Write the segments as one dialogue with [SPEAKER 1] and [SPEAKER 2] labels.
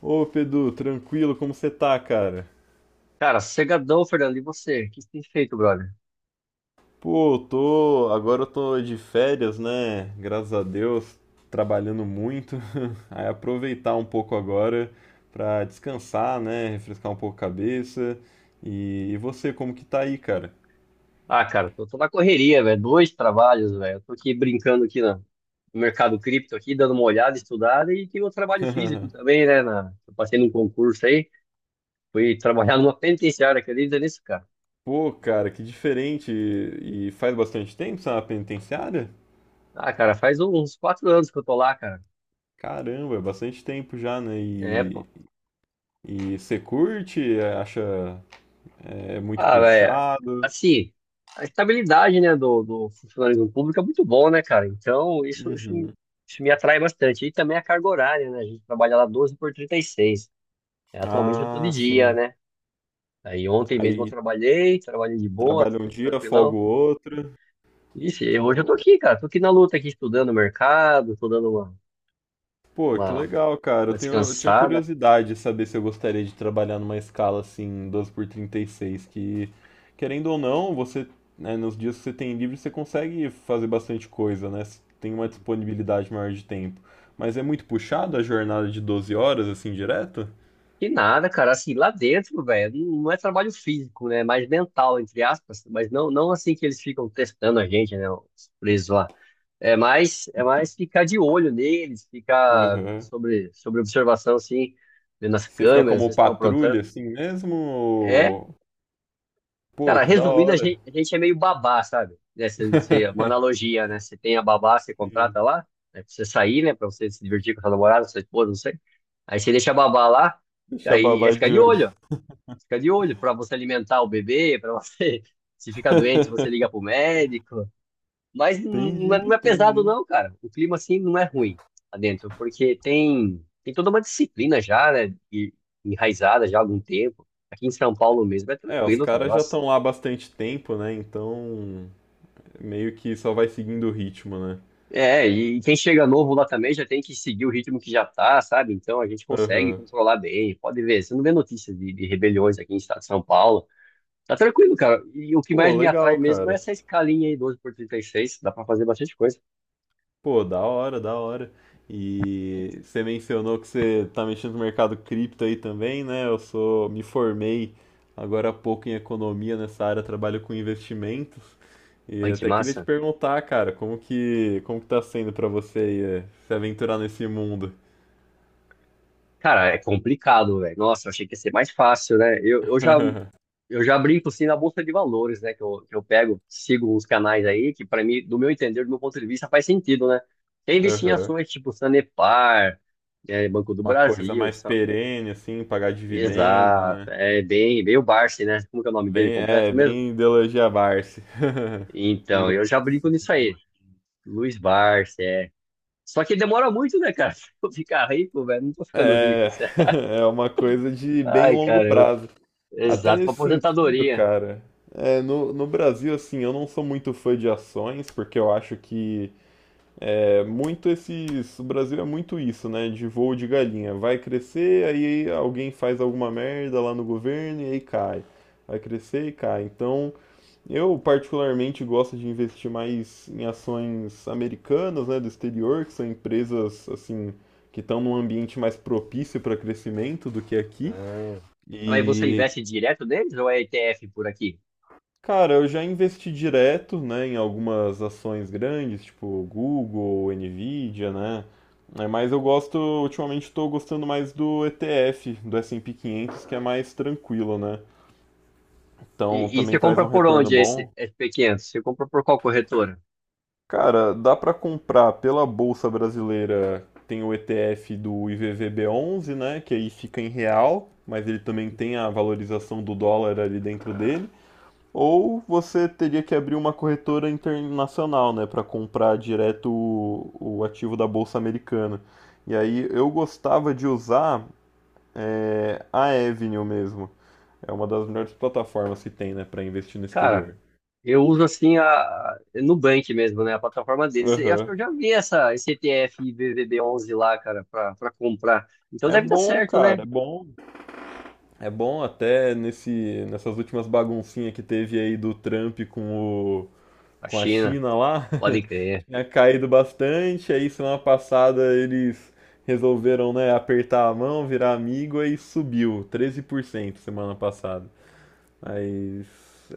[SPEAKER 1] Ô, Pedro, tranquilo, como você tá, cara?
[SPEAKER 2] Cara, cegadão, Fernando. E você? O que você tem feito, brother?
[SPEAKER 1] Pô, eu tô. Agora eu tô de férias, né? Graças a Deus, trabalhando muito. Aí aproveitar um pouco agora pra descansar, né? Refrescar um pouco a cabeça. E você, como que tá aí, cara?
[SPEAKER 2] Ah, cara, tô na correria, velho. Dois trabalhos, velho. Eu tô aqui brincando aqui no mercado cripto, aqui, dando uma olhada, estudada. E tem o trabalho físico também, né? Eu passei num concurso aí. Fui trabalhar numa penitenciária, acredita nisso, cara?
[SPEAKER 1] Pô, cara, que diferente. E faz bastante tempo você é na penitenciária?
[SPEAKER 2] Ah, cara, faz uns 4 anos que eu tô lá, cara.
[SPEAKER 1] Caramba, é bastante tempo já, né?
[SPEAKER 2] É, pô.
[SPEAKER 1] E você curte? Acha muito
[SPEAKER 2] Ah, velho,
[SPEAKER 1] puxado?
[SPEAKER 2] assim, a estabilidade, né, do funcionalismo público é muito bom, né, cara? Então, isso, isso,
[SPEAKER 1] Uhum.
[SPEAKER 2] isso me atrai bastante. E também a carga horária, né? A gente trabalha lá 12 por 36. É, atualmente eu tô de
[SPEAKER 1] Ah,
[SPEAKER 2] dia,
[SPEAKER 1] sim.
[SPEAKER 2] né? Aí ontem mesmo eu
[SPEAKER 1] Aí
[SPEAKER 2] trabalhei de boa,
[SPEAKER 1] trabalha um dia, folga
[SPEAKER 2] tranquilão.
[SPEAKER 1] o outro.
[SPEAKER 2] Isso, e hoje eu tô aqui, cara. Tô aqui na luta, aqui estudando o mercado, tô dando
[SPEAKER 1] Pô, que
[SPEAKER 2] uma,
[SPEAKER 1] legal, cara.
[SPEAKER 2] uma
[SPEAKER 1] Eu tinha
[SPEAKER 2] descansada.
[SPEAKER 1] curiosidade de saber se eu gostaria de trabalhar numa escala assim, 12x36. Que querendo ou não, você, né, nos dias que você tem livre, você consegue fazer bastante coisa, né? Você tem uma disponibilidade maior de tempo. Mas é muito puxado a jornada de 12 horas assim direto?
[SPEAKER 2] Que nada, cara. Assim, lá dentro, velho, não é trabalho físico, né? É mais mental, entre aspas. Mas não assim que eles ficam testando a gente, né? Os presos lá. É mais ficar de olho neles, ficar
[SPEAKER 1] Aham.
[SPEAKER 2] sobre observação, assim, vendo as
[SPEAKER 1] Você fica
[SPEAKER 2] câmeras,
[SPEAKER 1] como
[SPEAKER 2] vocês estão
[SPEAKER 1] patrulha
[SPEAKER 2] aprontando.
[SPEAKER 1] assim mesmo?
[SPEAKER 2] É,
[SPEAKER 1] Pô,
[SPEAKER 2] cara,
[SPEAKER 1] que da
[SPEAKER 2] resumindo, a
[SPEAKER 1] hora.
[SPEAKER 2] gente, a gente é meio babá, sabe? Né? Uma analogia, né? Você tem a babá, você contrata
[SPEAKER 1] Sim.
[SPEAKER 2] lá, né? Pra você sair, né? Pra você se divertir com a sua namorada, com a sua esposa, não sei. Aí você deixa a babá lá,
[SPEAKER 1] Deixa a
[SPEAKER 2] aí é
[SPEAKER 1] babá
[SPEAKER 2] ficar
[SPEAKER 1] de
[SPEAKER 2] de
[SPEAKER 1] olho.
[SPEAKER 2] olho, ó. Fica de olho para você alimentar o bebê, para você, se ficar doente, você liga pro médico. Mas
[SPEAKER 1] Entendi,
[SPEAKER 2] não é pesado
[SPEAKER 1] entendi.
[SPEAKER 2] não, cara. O clima assim não é ruim lá dentro, porque tem toda uma disciplina já, né, enraizada já há algum tempo. Aqui em São Paulo mesmo é
[SPEAKER 1] É, os
[SPEAKER 2] tranquilo, cara.
[SPEAKER 1] caras já
[SPEAKER 2] Nossa.
[SPEAKER 1] estão lá há bastante tempo, né? Então, meio que só vai seguindo o ritmo, né?
[SPEAKER 2] É, e quem chega novo lá também já tem que seguir o ritmo que já tá, sabe? Então a gente consegue
[SPEAKER 1] Aham.
[SPEAKER 2] controlar bem. Pode ver, você não vê notícias de rebeliões aqui em estado de São Paulo. Tá tranquilo, cara. E o que
[SPEAKER 1] Pô,
[SPEAKER 2] mais me
[SPEAKER 1] legal,
[SPEAKER 2] atrai mesmo é
[SPEAKER 1] cara.
[SPEAKER 2] essa escalinha aí, 12 por 36. Dá pra fazer bastante coisa.
[SPEAKER 1] Pô, da hora, da hora. E você mencionou que você tá mexendo no mercado cripto aí também, né? Me formei agora há pouco em economia nessa área, trabalho com investimentos. E
[SPEAKER 2] Olha que
[SPEAKER 1] até queria te
[SPEAKER 2] massa.
[SPEAKER 1] perguntar, cara, como que tá sendo pra você aí, se aventurar nesse mundo?
[SPEAKER 2] Cara, é complicado, velho. Nossa, eu achei que ia ser mais fácil, né? Eu, eu já, eu já brinco, assim, na bolsa de valores, né? Que eu pego, sigo uns canais aí, que pra mim, do meu entender, do meu ponto de vista, faz sentido, né? Tem investir em
[SPEAKER 1] Aham.
[SPEAKER 2] ações tipo Sanepar, é, Banco do
[SPEAKER 1] Uma coisa
[SPEAKER 2] Brasil,
[SPEAKER 1] mais
[SPEAKER 2] só...
[SPEAKER 1] perene, assim, pagar dividendo,
[SPEAKER 2] Exato.
[SPEAKER 1] né?
[SPEAKER 2] É bem, bem o Barsi, né? Como que é o nome dele
[SPEAKER 1] Bem,
[SPEAKER 2] completo
[SPEAKER 1] é,
[SPEAKER 2] mesmo?
[SPEAKER 1] bem ideologia Barsi.
[SPEAKER 2] Então,
[SPEAKER 1] Luiz.
[SPEAKER 2] eu já brinco nisso
[SPEAKER 1] Grande
[SPEAKER 2] aí.
[SPEAKER 1] Luiz.
[SPEAKER 2] Luiz Barsi, é. Só que demora muito, né, cara? Pra eu ficar rico, velho. Não tô ficando rico,
[SPEAKER 1] É,
[SPEAKER 2] sério.
[SPEAKER 1] é uma coisa de bem
[SPEAKER 2] Ai,
[SPEAKER 1] longo
[SPEAKER 2] caramba.
[SPEAKER 1] prazo. Até
[SPEAKER 2] Exato, pra
[SPEAKER 1] nesse sentido,
[SPEAKER 2] aposentadoria.
[SPEAKER 1] cara, no Brasil, assim, eu não sou muito fã de ações, porque eu acho que é muito esses. O Brasil é muito isso, né? De voo de galinha. Vai crescer, aí alguém faz alguma merda lá no governo e aí cai. Vai crescer e cai. Então. Eu particularmente gosto de investir mais em ações americanas, né, do exterior, que são empresas assim que estão num ambiente mais propício para crescimento do que aqui.
[SPEAKER 2] Ah. Aí você
[SPEAKER 1] E,
[SPEAKER 2] investe direto neles ou é ETF por aqui?
[SPEAKER 1] cara, eu já investi direto, né, em algumas ações grandes, tipo Google, Nvidia, né? É, mas eu gosto, ultimamente estou gostando mais do ETF, do S&P 500, que é mais tranquilo, né? Então
[SPEAKER 2] E
[SPEAKER 1] também
[SPEAKER 2] você
[SPEAKER 1] traz
[SPEAKER 2] compra
[SPEAKER 1] um
[SPEAKER 2] por
[SPEAKER 1] retorno
[SPEAKER 2] onde esse
[SPEAKER 1] bom.
[SPEAKER 2] SP500? Você compra por qual corretora?
[SPEAKER 1] Cara, dá para comprar pela Bolsa Brasileira, tem o ETF do IVVB11, né, que aí fica em real, mas ele também tem a valorização do dólar ali dentro dele. Ou você teria que abrir uma corretora internacional, né, para comprar direto o ativo da Bolsa Americana. E aí eu gostava de usar a Avenue mesmo. É uma das melhores plataformas que tem, né, para investir no
[SPEAKER 2] Cara,
[SPEAKER 1] exterior.
[SPEAKER 2] eu uso assim a Nubank mesmo, né? A plataforma deles. Eu acho que
[SPEAKER 1] Aham.
[SPEAKER 2] eu já vi esse ETF IBVB11 lá, cara, pra comprar. Então
[SPEAKER 1] É
[SPEAKER 2] deve dar
[SPEAKER 1] bom,
[SPEAKER 2] certo,
[SPEAKER 1] cara,
[SPEAKER 2] né?
[SPEAKER 1] é bom. É bom até nessas últimas baguncinhas que teve aí do Trump
[SPEAKER 2] A
[SPEAKER 1] com a
[SPEAKER 2] China,
[SPEAKER 1] China lá,
[SPEAKER 2] pode crer.
[SPEAKER 1] tinha caído bastante, aí semana passada eles resolveram, né, apertar a mão, virar amigo, aí subiu 13% semana passada. Mas,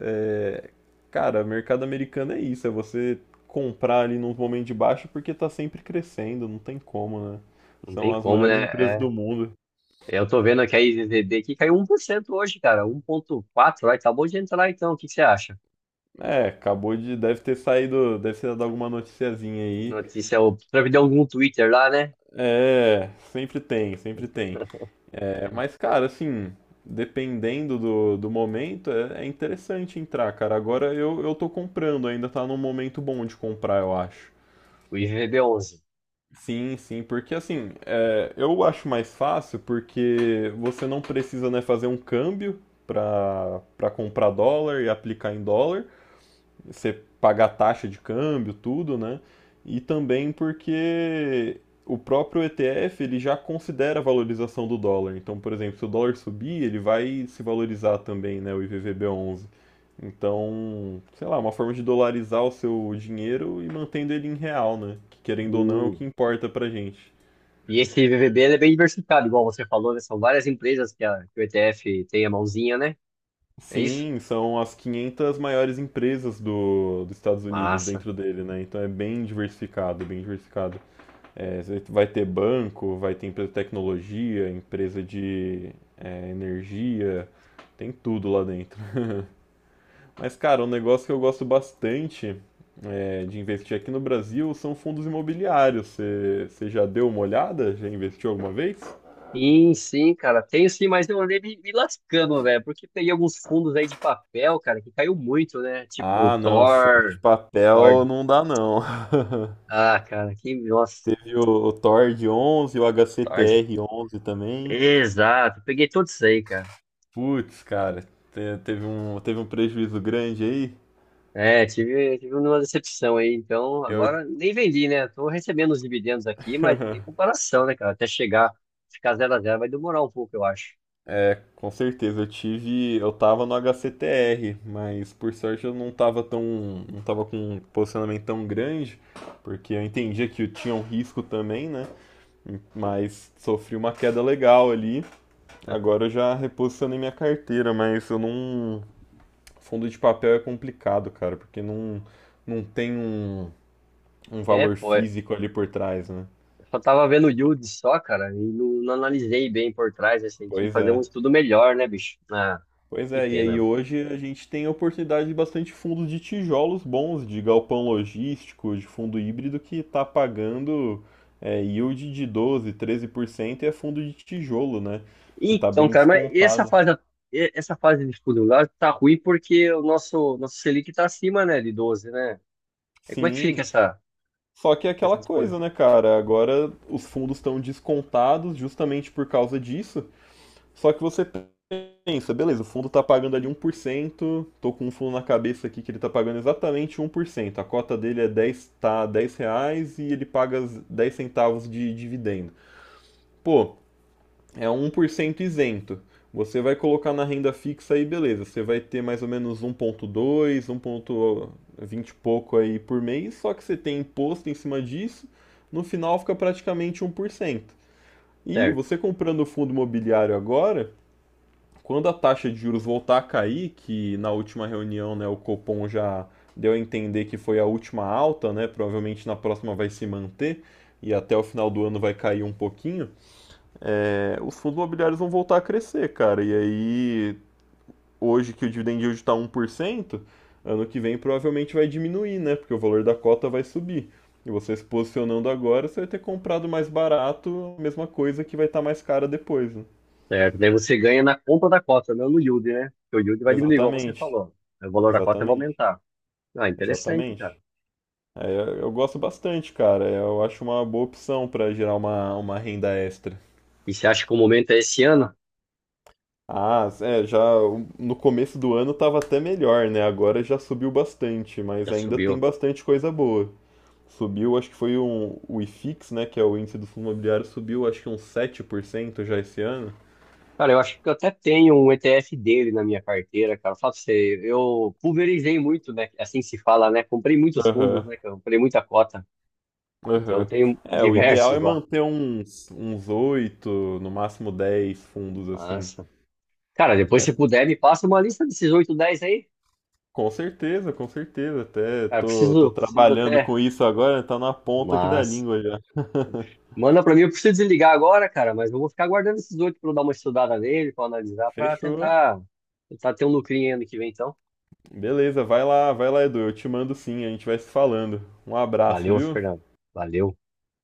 [SPEAKER 1] é, cara, mercado americano é isso, é você comprar ali num momento de baixo porque tá sempre crescendo, não tem como, né?
[SPEAKER 2] Não tem
[SPEAKER 1] São as
[SPEAKER 2] como, né?
[SPEAKER 1] maiores empresas
[SPEAKER 2] É,
[SPEAKER 1] do mundo.
[SPEAKER 2] eu tô vendo que a IZZB aqui caiu 1% hoje, cara. Um 1,4, vai, acabou de entrar então. O que que você acha?
[SPEAKER 1] É, acabou de. Deve ter saído. Deve ter dado alguma noticiazinha aí.
[SPEAKER 2] Notícia, o Trump deu algum Twitter lá, né?
[SPEAKER 1] É, sempre tem, sempre tem. É, mas, cara, assim, dependendo do momento, é interessante entrar, cara. Agora eu tô comprando, ainda tá num momento bom de comprar, eu acho.
[SPEAKER 2] O IVVB11.
[SPEAKER 1] Sim, sim, porque assim, eu acho mais fácil porque você não precisa, né, fazer um câmbio para comprar dólar e aplicar em dólar. Você pagar taxa de câmbio, tudo, né? E também porque o próprio ETF ele já considera a valorização do dólar. Então, por exemplo, se o dólar subir, ele vai se valorizar também, né, o IVVB11. Então, sei lá, uma forma de dolarizar o seu dinheiro e mantendo ele em real, né? Que querendo ou não é o
[SPEAKER 2] Hum.
[SPEAKER 1] que importa pra gente.
[SPEAKER 2] E esse IVVB ele é bem diversificado, igual você falou, né? São várias empresas que o ETF tem a mãozinha, né? É isso?
[SPEAKER 1] Sim, são as 500 maiores empresas dos Estados Unidos
[SPEAKER 2] Massa.
[SPEAKER 1] dentro dele, né? Então é bem diversificado, bem diversificado. É, você vai ter banco, vai ter empresa de tecnologia, empresa de energia, tem tudo lá dentro. Mas, cara, um negócio que eu gosto bastante é, de investir aqui no Brasil são fundos imobiliários. Você já deu uma olhada? Já investiu alguma vez?
[SPEAKER 2] Sim, sim, cara. Tenho sim, mas eu andei me lascando, velho, porque peguei alguns fundos aí de papel, cara, que caiu muito, né? Tipo,
[SPEAKER 1] Ah, não, fundo de
[SPEAKER 2] Thor, Thor.
[SPEAKER 1] papel não dá não.
[SPEAKER 2] Ah, cara, que, nossa,
[SPEAKER 1] Teve o Tord 11, o
[SPEAKER 2] Thor.
[SPEAKER 1] HCTR 11 também.
[SPEAKER 2] Exato, peguei tudo isso aí, cara.
[SPEAKER 1] Putz, cara, teve um prejuízo grande aí.
[SPEAKER 2] É, tive uma decepção aí, então
[SPEAKER 1] Eu.
[SPEAKER 2] agora nem vendi, né? Tô recebendo os dividendos aqui, mas tem comparação, né, cara? Até chegar, ficar zero a zero vai demorar um pouco, eu acho.
[SPEAKER 1] É, com certeza. Eu tava no HCTR, mas por sorte eu não tava tão, não tava com um posicionamento tão grande, porque eu entendia que eu tinha um risco também, né? Mas sofri uma queda legal ali. Agora eu já reposicionei minha carteira, mas eu não, fundo de papel é complicado, cara, porque não tem um
[SPEAKER 2] É,
[SPEAKER 1] valor
[SPEAKER 2] pô, é,
[SPEAKER 1] físico ali por trás, né?
[SPEAKER 2] eu só tava vendo o yield só, cara, e não analisei bem por trás, assim, que
[SPEAKER 1] Pois
[SPEAKER 2] fazer um
[SPEAKER 1] é.
[SPEAKER 2] estudo melhor, né, bicho? Ah,
[SPEAKER 1] Pois
[SPEAKER 2] que
[SPEAKER 1] é, e aí
[SPEAKER 2] pena.
[SPEAKER 1] hoje a gente tem a oportunidade de bastante fundos de tijolos bons, de galpão logístico, de fundo híbrido que está pagando yield de 12, 13% e é fundo de tijolo, né? Que está
[SPEAKER 2] Então,
[SPEAKER 1] bem
[SPEAKER 2] cara, mas essa
[SPEAKER 1] descontado.
[SPEAKER 2] fase, e- essa fase de estudo lá tá ruim porque o nosso Selic tá acima, né, de 12, né? E como é que fica
[SPEAKER 1] Sim,
[SPEAKER 2] essa,
[SPEAKER 1] só que é aquela
[SPEAKER 2] essa
[SPEAKER 1] coisa,
[SPEAKER 2] disposição?
[SPEAKER 1] né, cara? Agora os fundos estão descontados justamente por causa disso. Só que você pensa, beleza, o fundo está pagando ali 1%. Tô com um fundo na cabeça aqui que ele está pagando exatamente 1%. A cota dele é dez, tá, 10 reais e ele paga 10 centavos de dividendo. Pô, é 1% isento. Você vai colocar na renda fixa aí, beleza, você vai ter mais ou menos um 1,2, 1,20 e pouco aí por mês, só que você tem imposto em cima disso, no final fica praticamente 1%. E você comprando o fundo imobiliário agora, quando a taxa de juros voltar a cair, que na última reunião né, o Copom já deu a entender que foi a última alta, né, provavelmente na próxima vai se manter e até o final do ano vai cair um pouquinho, os fundos imobiliários vão voltar a crescer, cara. E aí, hoje que o dividend yield está 1%, ano que vem provavelmente vai diminuir, né? Porque o valor da cota vai subir. E você se posicionando agora, você vai ter comprado mais barato, a mesma coisa que vai estar tá mais cara depois. Né?
[SPEAKER 2] Certo, daí você ganha na conta da cota, não no yield, né? Porque o yield vai diminuir, igual você
[SPEAKER 1] Exatamente,
[SPEAKER 2] falou. O valor da cota vai
[SPEAKER 1] exatamente.
[SPEAKER 2] aumentar. Ah, interessante, cara.
[SPEAKER 1] Exatamente. É, eu gosto bastante, cara. Eu acho uma boa opção para gerar uma renda extra.
[SPEAKER 2] E você acha que o momento é esse ano?
[SPEAKER 1] Ah, é, já no começo do ano tava até melhor, né? Agora já subiu bastante, mas
[SPEAKER 2] Já
[SPEAKER 1] ainda tem
[SPEAKER 2] subiu.
[SPEAKER 1] bastante coisa boa. Subiu, acho que foi o IFIX, né? Que é o índice do fundo imobiliário, subiu acho que uns 7% já esse ano.
[SPEAKER 2] Cara, eu acho que eu até tenho um ETF dele na minha carteira, cara. Fala pra você, eu pulverizei muito, né? Assim se fala, né? Comprei muitos fundos,
[SPEAKER 1] Aham,
[SPEAKER 2] né? Cara? Comprei muita cota. Então eu
[SPEAKER 1] aham.
[SPEAKER 2] tenho
[SPEAKER 1] É, o ideal
[SPEAKER 2] diversos
[SPEAKER 1] é
[SPEAKER 2] lá.
[SPEAKER 1] manter uns 8 no máximo 10 fundos assim.
[SPEAKER 2] Massa. Cara, depois se
[SPEAKER 1] Mas
[SPEAKER 2] puder, me passa uma lista desses 8 10 aí.
[SPEAKER 1] com certeza, com certeza. Até
[SPEAKER 2] Cara,
[SPEAKER 1] tô
[SPEAKER 2] preciso
[SPEAKER 1] trabalhando
[SPEAKER 2] até.
[SPEAKER 1] com isso agora, tá na ponta aqui da
[SPEAKER 2] Massa.
[SPEAKER 1] língua já.
[SPEAKER 2] Manda pra mim, eu preciso desligar agora, cara, mas eu vou ficar guardando esses oito pra eu dar uma estudada nele, pra analisar, pra
[SPEAKER 1] Fechou.
[SPEAKER 2] tentar ter um lucrinho ano que vem, então.
[SPEAKER 1] Beleza, vai lá, Edu. Eu te mando sim, a gente vai se falando. Um abraço,
[SPEAKER 2] Valeu,
[SPEAKER 1] viu?
[SPEAKER 2] Fernando. Valeu.